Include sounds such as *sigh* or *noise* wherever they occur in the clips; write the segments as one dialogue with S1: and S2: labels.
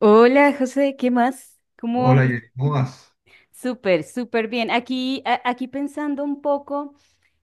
S1: Hola, José, ¿qué más? ¿Cómo
S2: Hola,
S1: vamos?
S2: Hola,
S1: Súper, súper bien. Aquí, aquí pensando un poco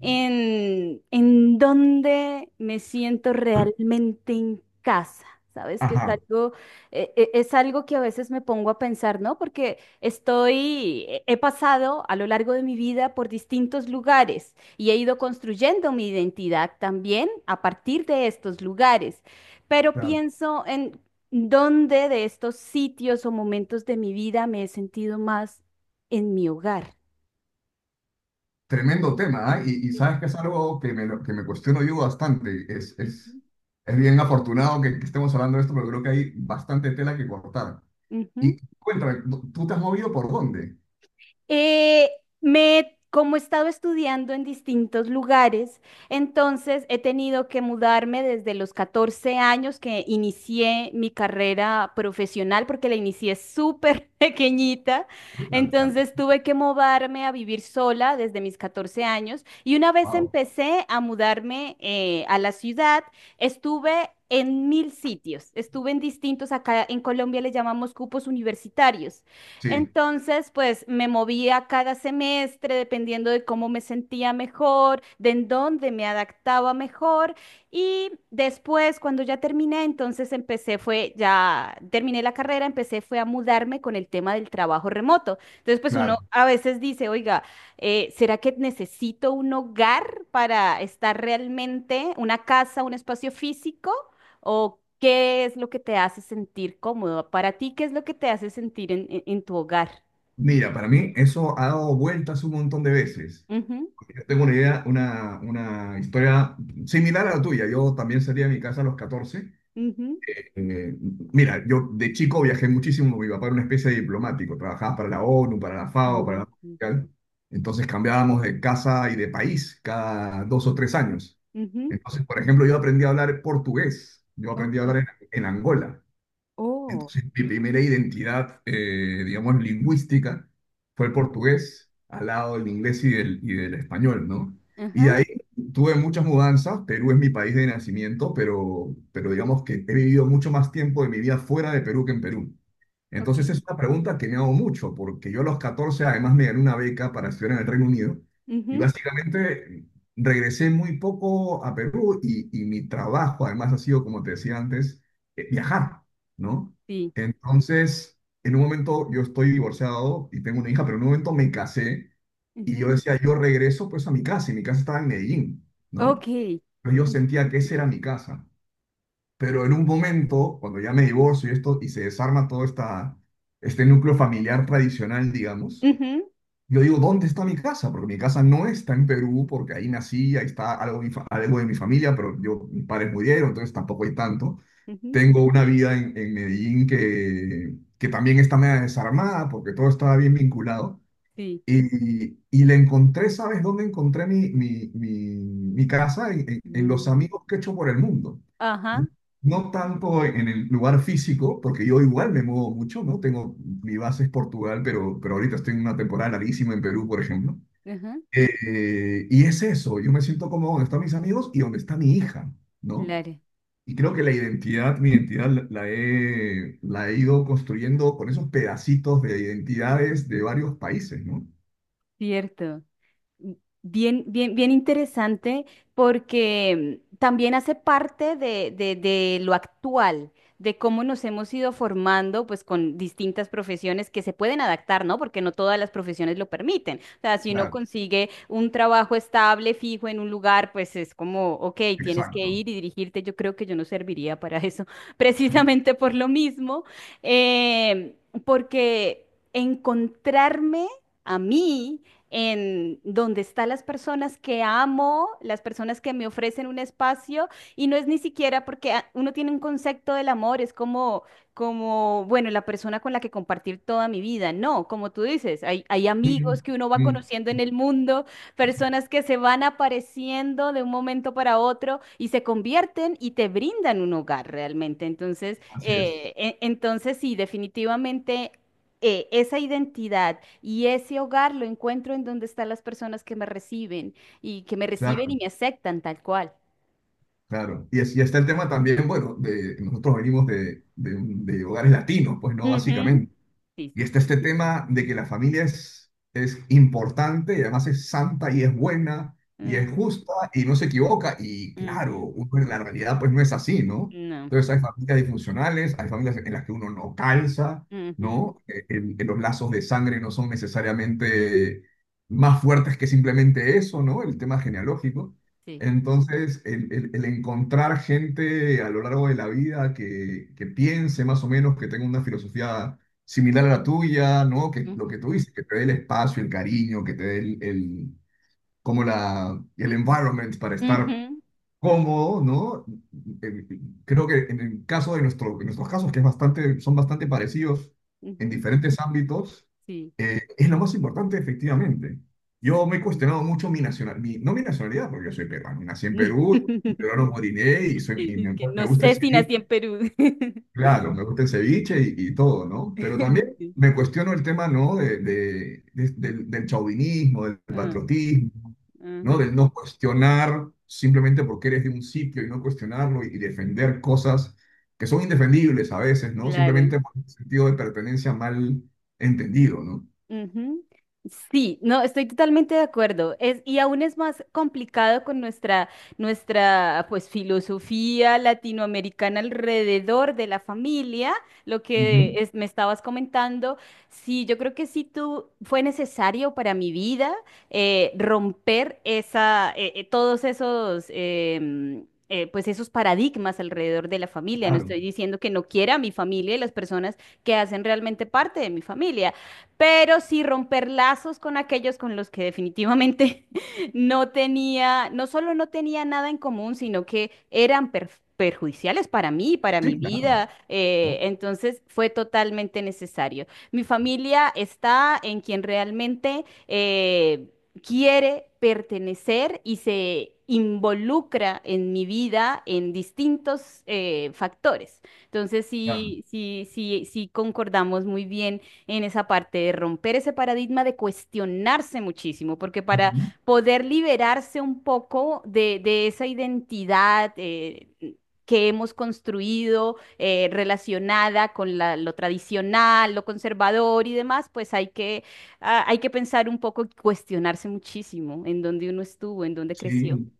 S1: en dónde me siento realmente en casa. Sabes que es
S2: ajá,
S1: algo, es algo que a veces me pongo a pensar, ¿no? Porque he pasado a lo largo de mi vida por distintos lugares y he ido construyendo mi identidad también a partir de estos lugares. Pero
S2: claro.
S1: pienso en dónde de estos sitios o momentos de mi vida me he sentido más en mi hogar.
S2: Tremendo tema, ¿ah? Y
S1: Ujú.
S2: sabes que es algo que me cuestiono yo bastante. Es, es,
S1: Ujú.
S2: es bien afortunado que estemos hablando de esto, pero creo que hay bastante tela que cortar. Y cuéntame, ¿tú te has movido por dónde?
S1: Eh, como he estado estudiando en distintos lugares, entonces he tenido que mudarme desde los 14 años que inicié mi carrera profesional, porque la inicié súper *laughs* pequeñita,
S2: Claro, claro.
S1: entonces tuve que mudarme a vivir sola desde mis 14 años y una vez
S2: Wow.
S1: empecé a mudarme a la ciudad, estuve en mil sitios. Estuve en distintos, acá en Colombia le llamamos cupos universitarios.
S2: Sí,
S1: Entonces, pues me movía cada semestre dependiendo de cómo me sentía mejor, de en dónde me adaptaba mejor. Y después, cuando ya terminé, entonces empecé, fue, ya terminé la carrera, empecé, fue a mudarme con el tema del trabajo remoto. Entonces, pues uno
S2: claro.
S1: a veces dice, oiga, ¿será que necesito un hogar para estar realmente, una casa, un espacio físico? ¿O qué es lo que te hace sentir cómodo? Para ti, ¿qué es lo que te hace sentir en, en tu hogar?
S2: Mira, para
S1: Yo.
S2: mí eso ha dado vueltas un montón de veces.
S1: Ujú.
S2: Yo tengo una idea, una historia similar a la tuya. Yo también salí
S1: Ujú.
S2: de mi casa a los 14.
S1: Ujú.
S2: Eh, mira, yo de chico viajé muchísimo. Mi papá era una especie de diplomático, trabajaba para la ONU, para la FAO, para
S1: Ujú.
S2: la Mundial. Entonces cambiábamos de casa y de país cada dos o tres años.
S1: Ujú.
S2: Entonces, por ejemplo, yo aprendí a hablar portugués, yo aprendí
S1: Ok.
S2: a hablar en Angola.
S1: Oh.
S2: Entonces, mi primera identidad, digamos, lingüística fue el portugués, al lado del inglés y del español, ¿no? Y de
S1: Ajá.
S2: ahí tuve muchas mudanzas. Perú es mi país de nacimiento, pero digamos que he vivido mucho más tiempo de mi vida fuera de Perú que en Perú.
S1: Ok.
S2: Entonces, es una pregunta que me hago mucho, porque yo a los 14 además me gané una beca para estudiar en el Reino Unido y
S1: Ujú.
S2: básicamente regresé muy poco a Perú, y mi trabajo además ha sido, como te decía antes, viajar, ¿no?
S1: Sí.
S2: Entonces, en un momento yo estoy divorciado y tengo una hija, pero en un momento me casé y yo
S1: Ujú.
S2: decía, yo regreso pues a mi casa y mi casa estaba en Medellín,
S1: Ok.
S2: ¿no? Pero yo
S1: Ujú.
S2: sentía que esa era mi casa. Pero en un momento, cuando ya me divorcio y esto y se desarma todo esta, este núcleo familiar tradicional, digamos,
S1: Ujú.
S2: yo digo, ¿dónde está mi casa? Porque mi casa no está en Perú, porque ahí nací, ahí está algo, algo de mi familia, pero yo, mis padres murieron, entonces tampoco hay tanto.
S1: Ujú.
S2: Tengo una vida en Medellín que también está media desarmada porque todo estaba bien vinculado.
S1: Sí.
S2: Y le encontré, ¿sabes dónde encontré mi casa? En los
S1: No.
S2: amigos que he hecho por el mundo.
S1: Ajá.
S2: No
S1: Ujú.
S2: tanto en el lugar físico, porque yo igual me muevo mucho, ¿no? Tengo, mi base es Portugal, pero ahorita estoy en una temporada larguísima en Perú, por ejemplo.
S1: Ajá.
S2: Y es eso, yo me siento como donde están mis amigos y donde está mi hija, ¿no?
S1: Claro.
S2: Y creo que la identidad, mi identidad la la he ido construyendo con esos pedacitos de identidades de varios países, ¿no?
S1: Cierto. Bien, bien, bien interesante porque también hace parte de, de lo actual, de cómo nos hemos ido formando pues con distintas profesiones que se pueden adaptar, ¿no? Porque no todas las profesiones lo permiten. O sea, si uno
S2: Claro.
S1: consigue un trabajo estable, fijo en un lugar, pues es como, ok, tienes que
S2: Exacto.
S1: ir y dirigirte. Yo creo que yo no serviría para eso, *laughs*
S2: Mm,
S1: precisamente por lo mismo, eh, porque encontrarme a mí en donde están las personas que amo, las personas que me ofrecen un espacio, y no es ni siquiera porque uno tiene un concepto del amor, es como, bueno, la persona con la que compartir toda mi vida. No, como tú dices, hay
S2: mm,
S1: amigos que uno va
S2: mm.
S1: conociendo en el mundo, personas que se van apareciendo de un momento para otro y se convierten y te brindan un hogar realmente. Entonces,
S2: Así es.
S1: entonces sí, definitivamente esa identidad y ese hogar lo encuentro en donde están las personas que me reciben y que me reciben y
S2: Claro,
S1: me aceptan tal cual.
S2: claro. Y está el tema también, bueno, de nosotros venimos de, de hogares latinos, pues, ¿no?
S1: Ujú.
S2: Básicamente.
S1: Sí,
S2: Y
S1: sí,
S2: está
S1: sí.
S2: este tema de que la familia es importante y además es santa y es buena y es
S1: Mm,
S2: justa y no se equivoca. Y claro,
S1: ujú.
S2: uno en la realidad pues no es así, ¿no?
S1: No.
S2: Entonces hay familias disfuncionales, hay familias en las que uno no calza,
S1: Ujú.
S2: ¿no? Que los lazos de sangre no son necesariamente más fuertes que simplemente eso, ¿no? El tema genealógico.
S1: Sí.
S2: Entonces, el encontrar gente a lo largo de la vida que piense más o menos, que tenga una filosofía similar a la tuya, ¿no? Que lo que
S1: Ujú.
S2: tú dices, que te dé el espacio, el cariño, que te dé como el environment para estar
S1: Ujú.
S2: cómodo, ¿no? Eh, creo que en el caso de nuestro, en nuestros casos, que es bastante, son bastante parecidos en
S1: Ujú.
S2: diferentes ámbitos,
S1: Sí.
S2: es lo más importante, efectivamente. Yo me he
S1: Sí.
S2: cuestionado mucho mi nacionalidad, mi, no mi nacionalidad, porque yo soy peruano, nací en Perú, y
S1: *laughs*
S2: peruano moriré y, soy, y
S1: Es
S2: me,
S1: que
S2: me
S1: no
S2: gusta
S1: sé
S2: ese.
S1: si nací en Perú. *laughs*
S2: Claro, me gusta el ceviche y todo, ¿no? Pero también
S1: Sí.
S2: me cuestiono el tema, ¿no? Del chauvinismo, del
S1: Ah,
S2: patriotismo, ¿no?
S1: ujú.
S2: Del no cuestionar simplemente porque eres de un sitio y no cuestionarlo y defender cosas que son indefendibles a veces, ¿no?
S1: Claro.
S2: Simplemente por un sentido de pertenencia mal entendido, ¿no?
S1: Ujú. Sí, no, estoy totalmente de acuerdo. Es, y aún es más complicado con nuestra, nuestra filosofía latinoamericana alrededor de la familia, lo que
S2: Ujú.
S1: me estabas comentando. Sí, yo creo que sí tú fue necesario para mi vida romper esa, todos esos pues esos paradigmas alrededor de la familia. No
S2: Claro.
S1: estoy diciendo que no quiera a mi familia y las personas que hacen realmente parte de mi familia pero sí romper lazos con aquellos con los que definitivamente *laughs* no tenía, no solo no tenía nada en común, sino que eran perjudiciales para mí, para
S2: Sí,
S1: mi
S2: claro.
S1: vida.
S2: ¿No?
S1: Entonces fue totalmente necesario. Mi familia está en quien realmente quiere pertenecer y se involucra en mi vida en distintos factores. Entonces,
S2: Claro.
S1: sí, sí, sí, sí concordamos muy bien en esa parte de romper ese paradigma, de cuestionarse muchísimo, porque para
S2: Ujú.
S1: poder liberarse un poco de esa identidad que hemos construido relacionada con lo tradicional, lo conservador y demás, pues hay que, hay que pensar un poco, cuestionarse muchísimo en dónde uno estuvo, en dónde creció.
S2: Sí.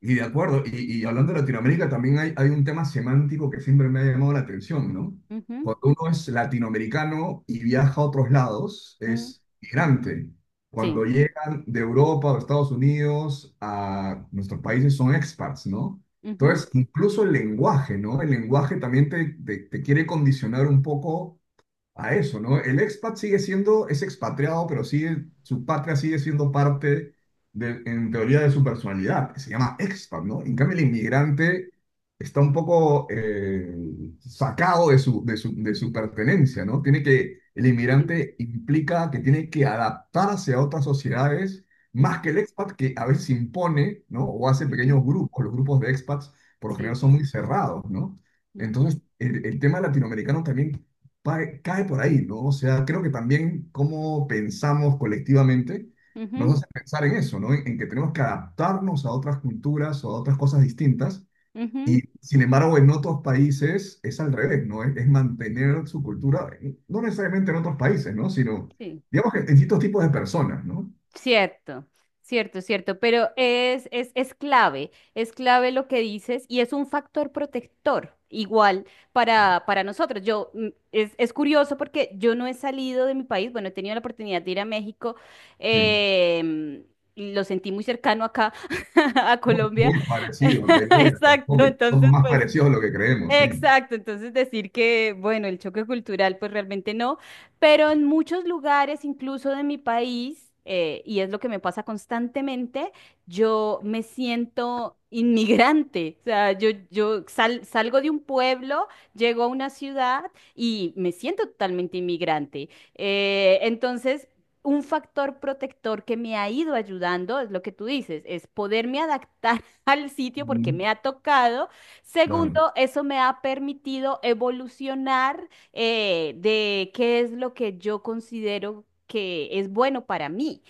S2: Y de acuerdo, y hablando de Latinoamérica, también hay un tema semántico que siempre me ha llamado la atención, ¿no?
S1: Ujú.
S2: Cuando uno es latinoamericano y viaja a otros lados,
S1: Ujú.
S2: es migrante.
S1: Sí.
S2: Cuando llegan de Europa o Estados Unidos a nuestros países son expats, ¿no?
S1: Ujú.
S2: Entonces, incluso el lenguaje, ¿no? El lenguaje también te quiere condicionar un poco a eso, ¿no? El expat sigue siendo, es expatriado, pero sigue, su patria sigue siendo parte, de, en teoría, de su personalidad, que se llama expat, ¿no? En cambio, el inmigrante está un poco sacado de su, de su, de su pertenencia, ¿no? El
S1: Sí.
S2: inmigrante implica que tiene que adaptarse a otras sociedades, más que
S1: Ujú.
S2: el expat, que a veces impone, ¿no? O hace pequeños
S1: Ujú.
S2: grupos. Los grupos de expats por lo
S1: Sí.
S2: general son muy cerrados, ¿no?
S1: Ujú.
S2: Entonces, el tema latinoamericano también cae por ahí, ¿no? O sea, creo que también cómo pensamos colectivamente nos
S1: Ujú.
S2: hace pensar en eso, ¿no? En que tenemos que adaptarnos a otras culturas o a otras cosas distintas.
S1: Ujú.
S2: Y sin embargo, en otros países es al revés, ¿no? Es mantener su cultura, no necesariamente en otros países, ¿no? Sino,
S1: Sí.
S2: digamos que en distintos tipos de personas, ¿no?
S1: Cierto, cierto, cierto, pero es, es clave, es clave lo que dices y es un factor protector igual para nosotros. Es curioso porque yo no he salido de mi país, bueno, he tenido la oportunidad de ir a México,
S2: Sí.
S1: em, y lo sentí muy cercano acá, *laughs* a
S2: Muy,
S1: Colombia.
S2: muy parecido,
S1: *laughs*
S2: Perú y
S1: exacto,
S2: Argentina, somos
S1: entonces
S2: más
S1: pues
S2: parecidos a lo que creemos, sí.
S1: Exacto, entonces decir que, bueno, el choque cultural, pues realmente no, pero en muchos lugares, incluso de mi país, y es lo que me pasa constantemente, yo me siento inmigrante, o sea, salgo de un pueblo, llego a una ciudad y me siento totalmente inmigrante. Entonces... Un factor protector que me ha ido ayudando es lo que tú dices, es poderme adaptar *laughs* al sitio porque
S2: Mm.
S1: me ha tocado.
S2: Claro,
S1: Segundo, eso me ha permitido evolucionar de qué es lo que yo considero que es bueno para mí.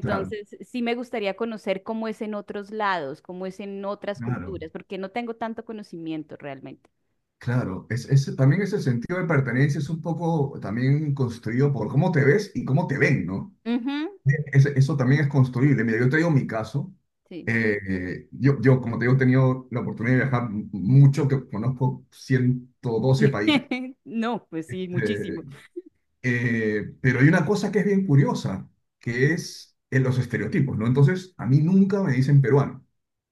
S2: claro,
S1: sí me gustaría conocer cómo es en otros lados, cómo es en otras
S2: claro.
S1: culturas, porque no tengo tanto conocimiento realmente.
S2: Claro, también ese sentido de pertenencia es un poco también construido por cómo te ves y cómo te ven, ¿no?
S1: Ujú.
S2: Es- eso también es construible. Mira, yo te digo mi caso.
S1: Sí.
S2: Yo, como te digo, he tenido la oportunidad de viajar mucho, que conozco 112 países.
S1: *laughs* No, pues sí, muchísimo.
S2: Eh, pero hay una cosa que es bien curiosa, que es en los estereotipos, ¿no? Entonces, a mí nunca me dicen peruano.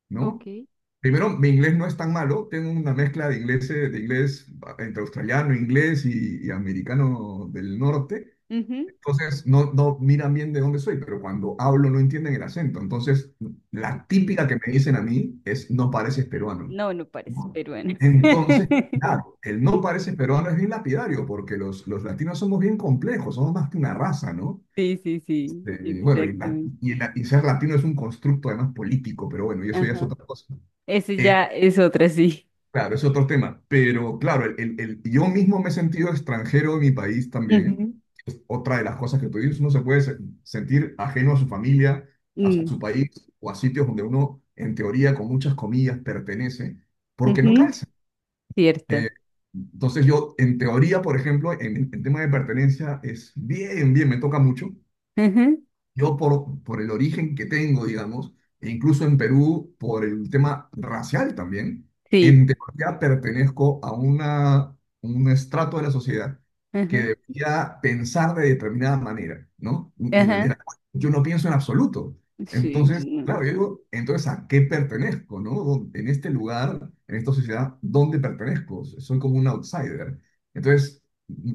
S2: ¿No?
S1: Ok.
S2: Primero, mi inglés no es tan malo, tengo una mezcla de inglés, entre australiano, inglés y americano del norte.
S1: Ujú.
S2: Entonces, no, no miran bien de dónde soy, pero cuando hablo no entienden el acento. Entonces, la
S1: Ok.
S2: típica que me dicen a mí es, no pareces peruano,
S1: No, no parece,
S2: ¿no?
S1: pero bueno.
S2: Entonces,
S1: *laughs*
S2: claro, el no pareces peruano es bien lapidario, porque los latinos somos bien complejos, somos más que una raza, ¿no?
S1: Sí, sí, sí,
S2: Bueno, y, la-
S1: exactamente.
S2: y la- y ser latino es un constructo además político, pero bueno, y eso ya es
S1: Ajá.
S2: otra cosa.
S1: Ese
S2: Eh,
S1: ya es otra, sí.
S2: Claro, es otro tema, pero claro, yo mismo me he sentido extranjero en mi país también.
S1: Ujú.
S2: Es otra de las cosas que tú dices, uno se puede sentir ajeno a su familia, a
S1: Mm,
S2: su país o a sitios donde uno, en teoría, con muchas comillas, pertenece, porque no
S1: ujú.
S2: calza.
S1: Cierto.
S2: Eh, entonces yo, en teoría, por ejemplo, en tema de pertenencia, es bien, bien, me toca mucho.
S1: Ujú.
S2: Yo por el origen que tengo, digamos, e incluso en Perú, por el tema racial también,
S1: Sí.
S2: en teoría pertenezco a una, un estrato de la sociedad que
S1: Ujú.
S2: debería pensar de determinada manera, ¿no? En la de
S1: Ajá.
S2: la cual yo no pienso en absoluto.
S1: Sí.
S2: Entonces, claro,
S1: Mm.
S2: yo digo, entonces, ¿a qué pertenezco, no? ¿En este lugar, en esta sociedad, dónde pertenezco? Soy como un outsider. Entonces,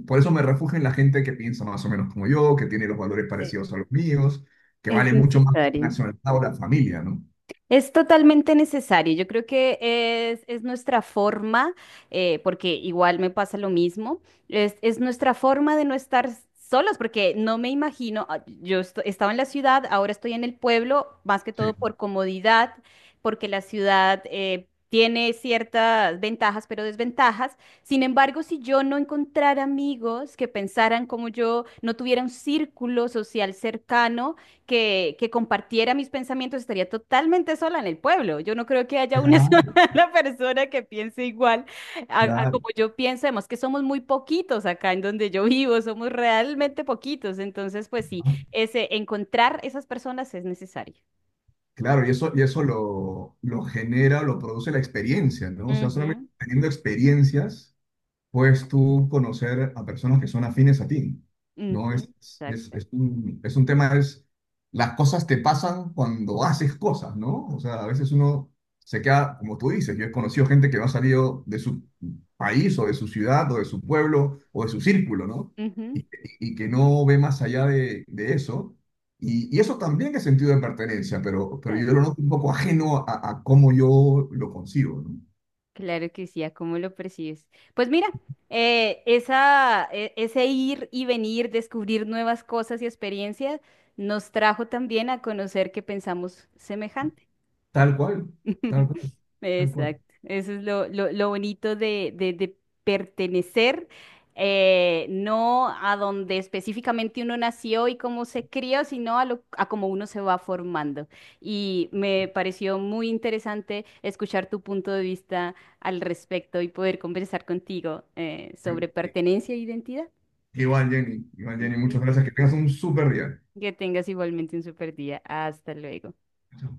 S2: por eso me refugio en la gente que piensa más o menos como yo, que tiene los valores
S1: e-
S2: parecidos a los míos, que
S1: Es
S2: vale mucho más que la
S1: necesario.
S2: nacionalidad o la familia, ¿no?
S1: Es totalmente necesario. Yo creo que es nuestra forma, porque igual me pasa lo mismo, es nuestra forma de no estar solos, porque no me imagino, yo estaba en la ciudad, ahora estoy en el pueblo, más que todo
S2: Sí.
S1: por comodidad, porque la ciudad tiene ciertas ventajas, pero desventajas. Sin embargo, si yo no encontrara amigos que pensaran como yo, no tuviera un círculo social cercano, que compartiera mis pensamientos, estaría totalmente sola en el pueblo. Yo no creo que haya una *laughs*
S2: Claro,
S1: sola persona que piense igual a
S2: claro.
S1: como yo pienso. Además que somos muy poquitos acá en donde yo vivo, somos realmente poquitos. Entonces, pues sí,
S2: ¿No?
S1: encontrar esas personas es necesario.
S2: Claro, y eso lo genera, lo produce la experiencia, ¿no? O sea, solamente
S1: Ujú.
S2: teniendo experiencias puedes tú conocer a personas que son afines a ti, ¿no?
S1: Ujú. Exacto.
S2: Es un tema, es, las cosas te pasan cuando haces cosas, ¿no? O sea, a veces uno se queda, como tú dices, yo he conocido gente que no ha salido de su país o de su ciudad o de su pueblo o de su círculo, ¿no?
S1: Ujú.
S2: Y, y que no ve más allá de eso. Y eso también es sentido de pertenencia, pero yo
S1: Claro.
S2: lo noto un poco ajeno a cómo yo lo consigo, ¿no?
S1: Claro que sí, ¿a cómo lo percibes? Pues mira, ese ir y venir, descubrir nuevas cosas y experiencias, nos trajo también a conocer que pensamos semejante.
S2: Tal cual, tal
S1: *laughs*
S2: cual, tal cual.
S1: Exacto. Eso es lo bonito de, de pertenecer, no a donde específicamente uno nació y cómo se crió, sino a cómo uno se va formando. Y me pareció muy interesante escuchar tu punto de vista al respecto y poder conversar contigo sobre pertenencia e identidad.
S2: Igual, Jenny. Igual, Jenny.
S1: Ujú.
S2: Muchas gracias. Que tengas un súper día.
S1: Que tengas igualmente un super día. Hasta luego.
S2: Chao.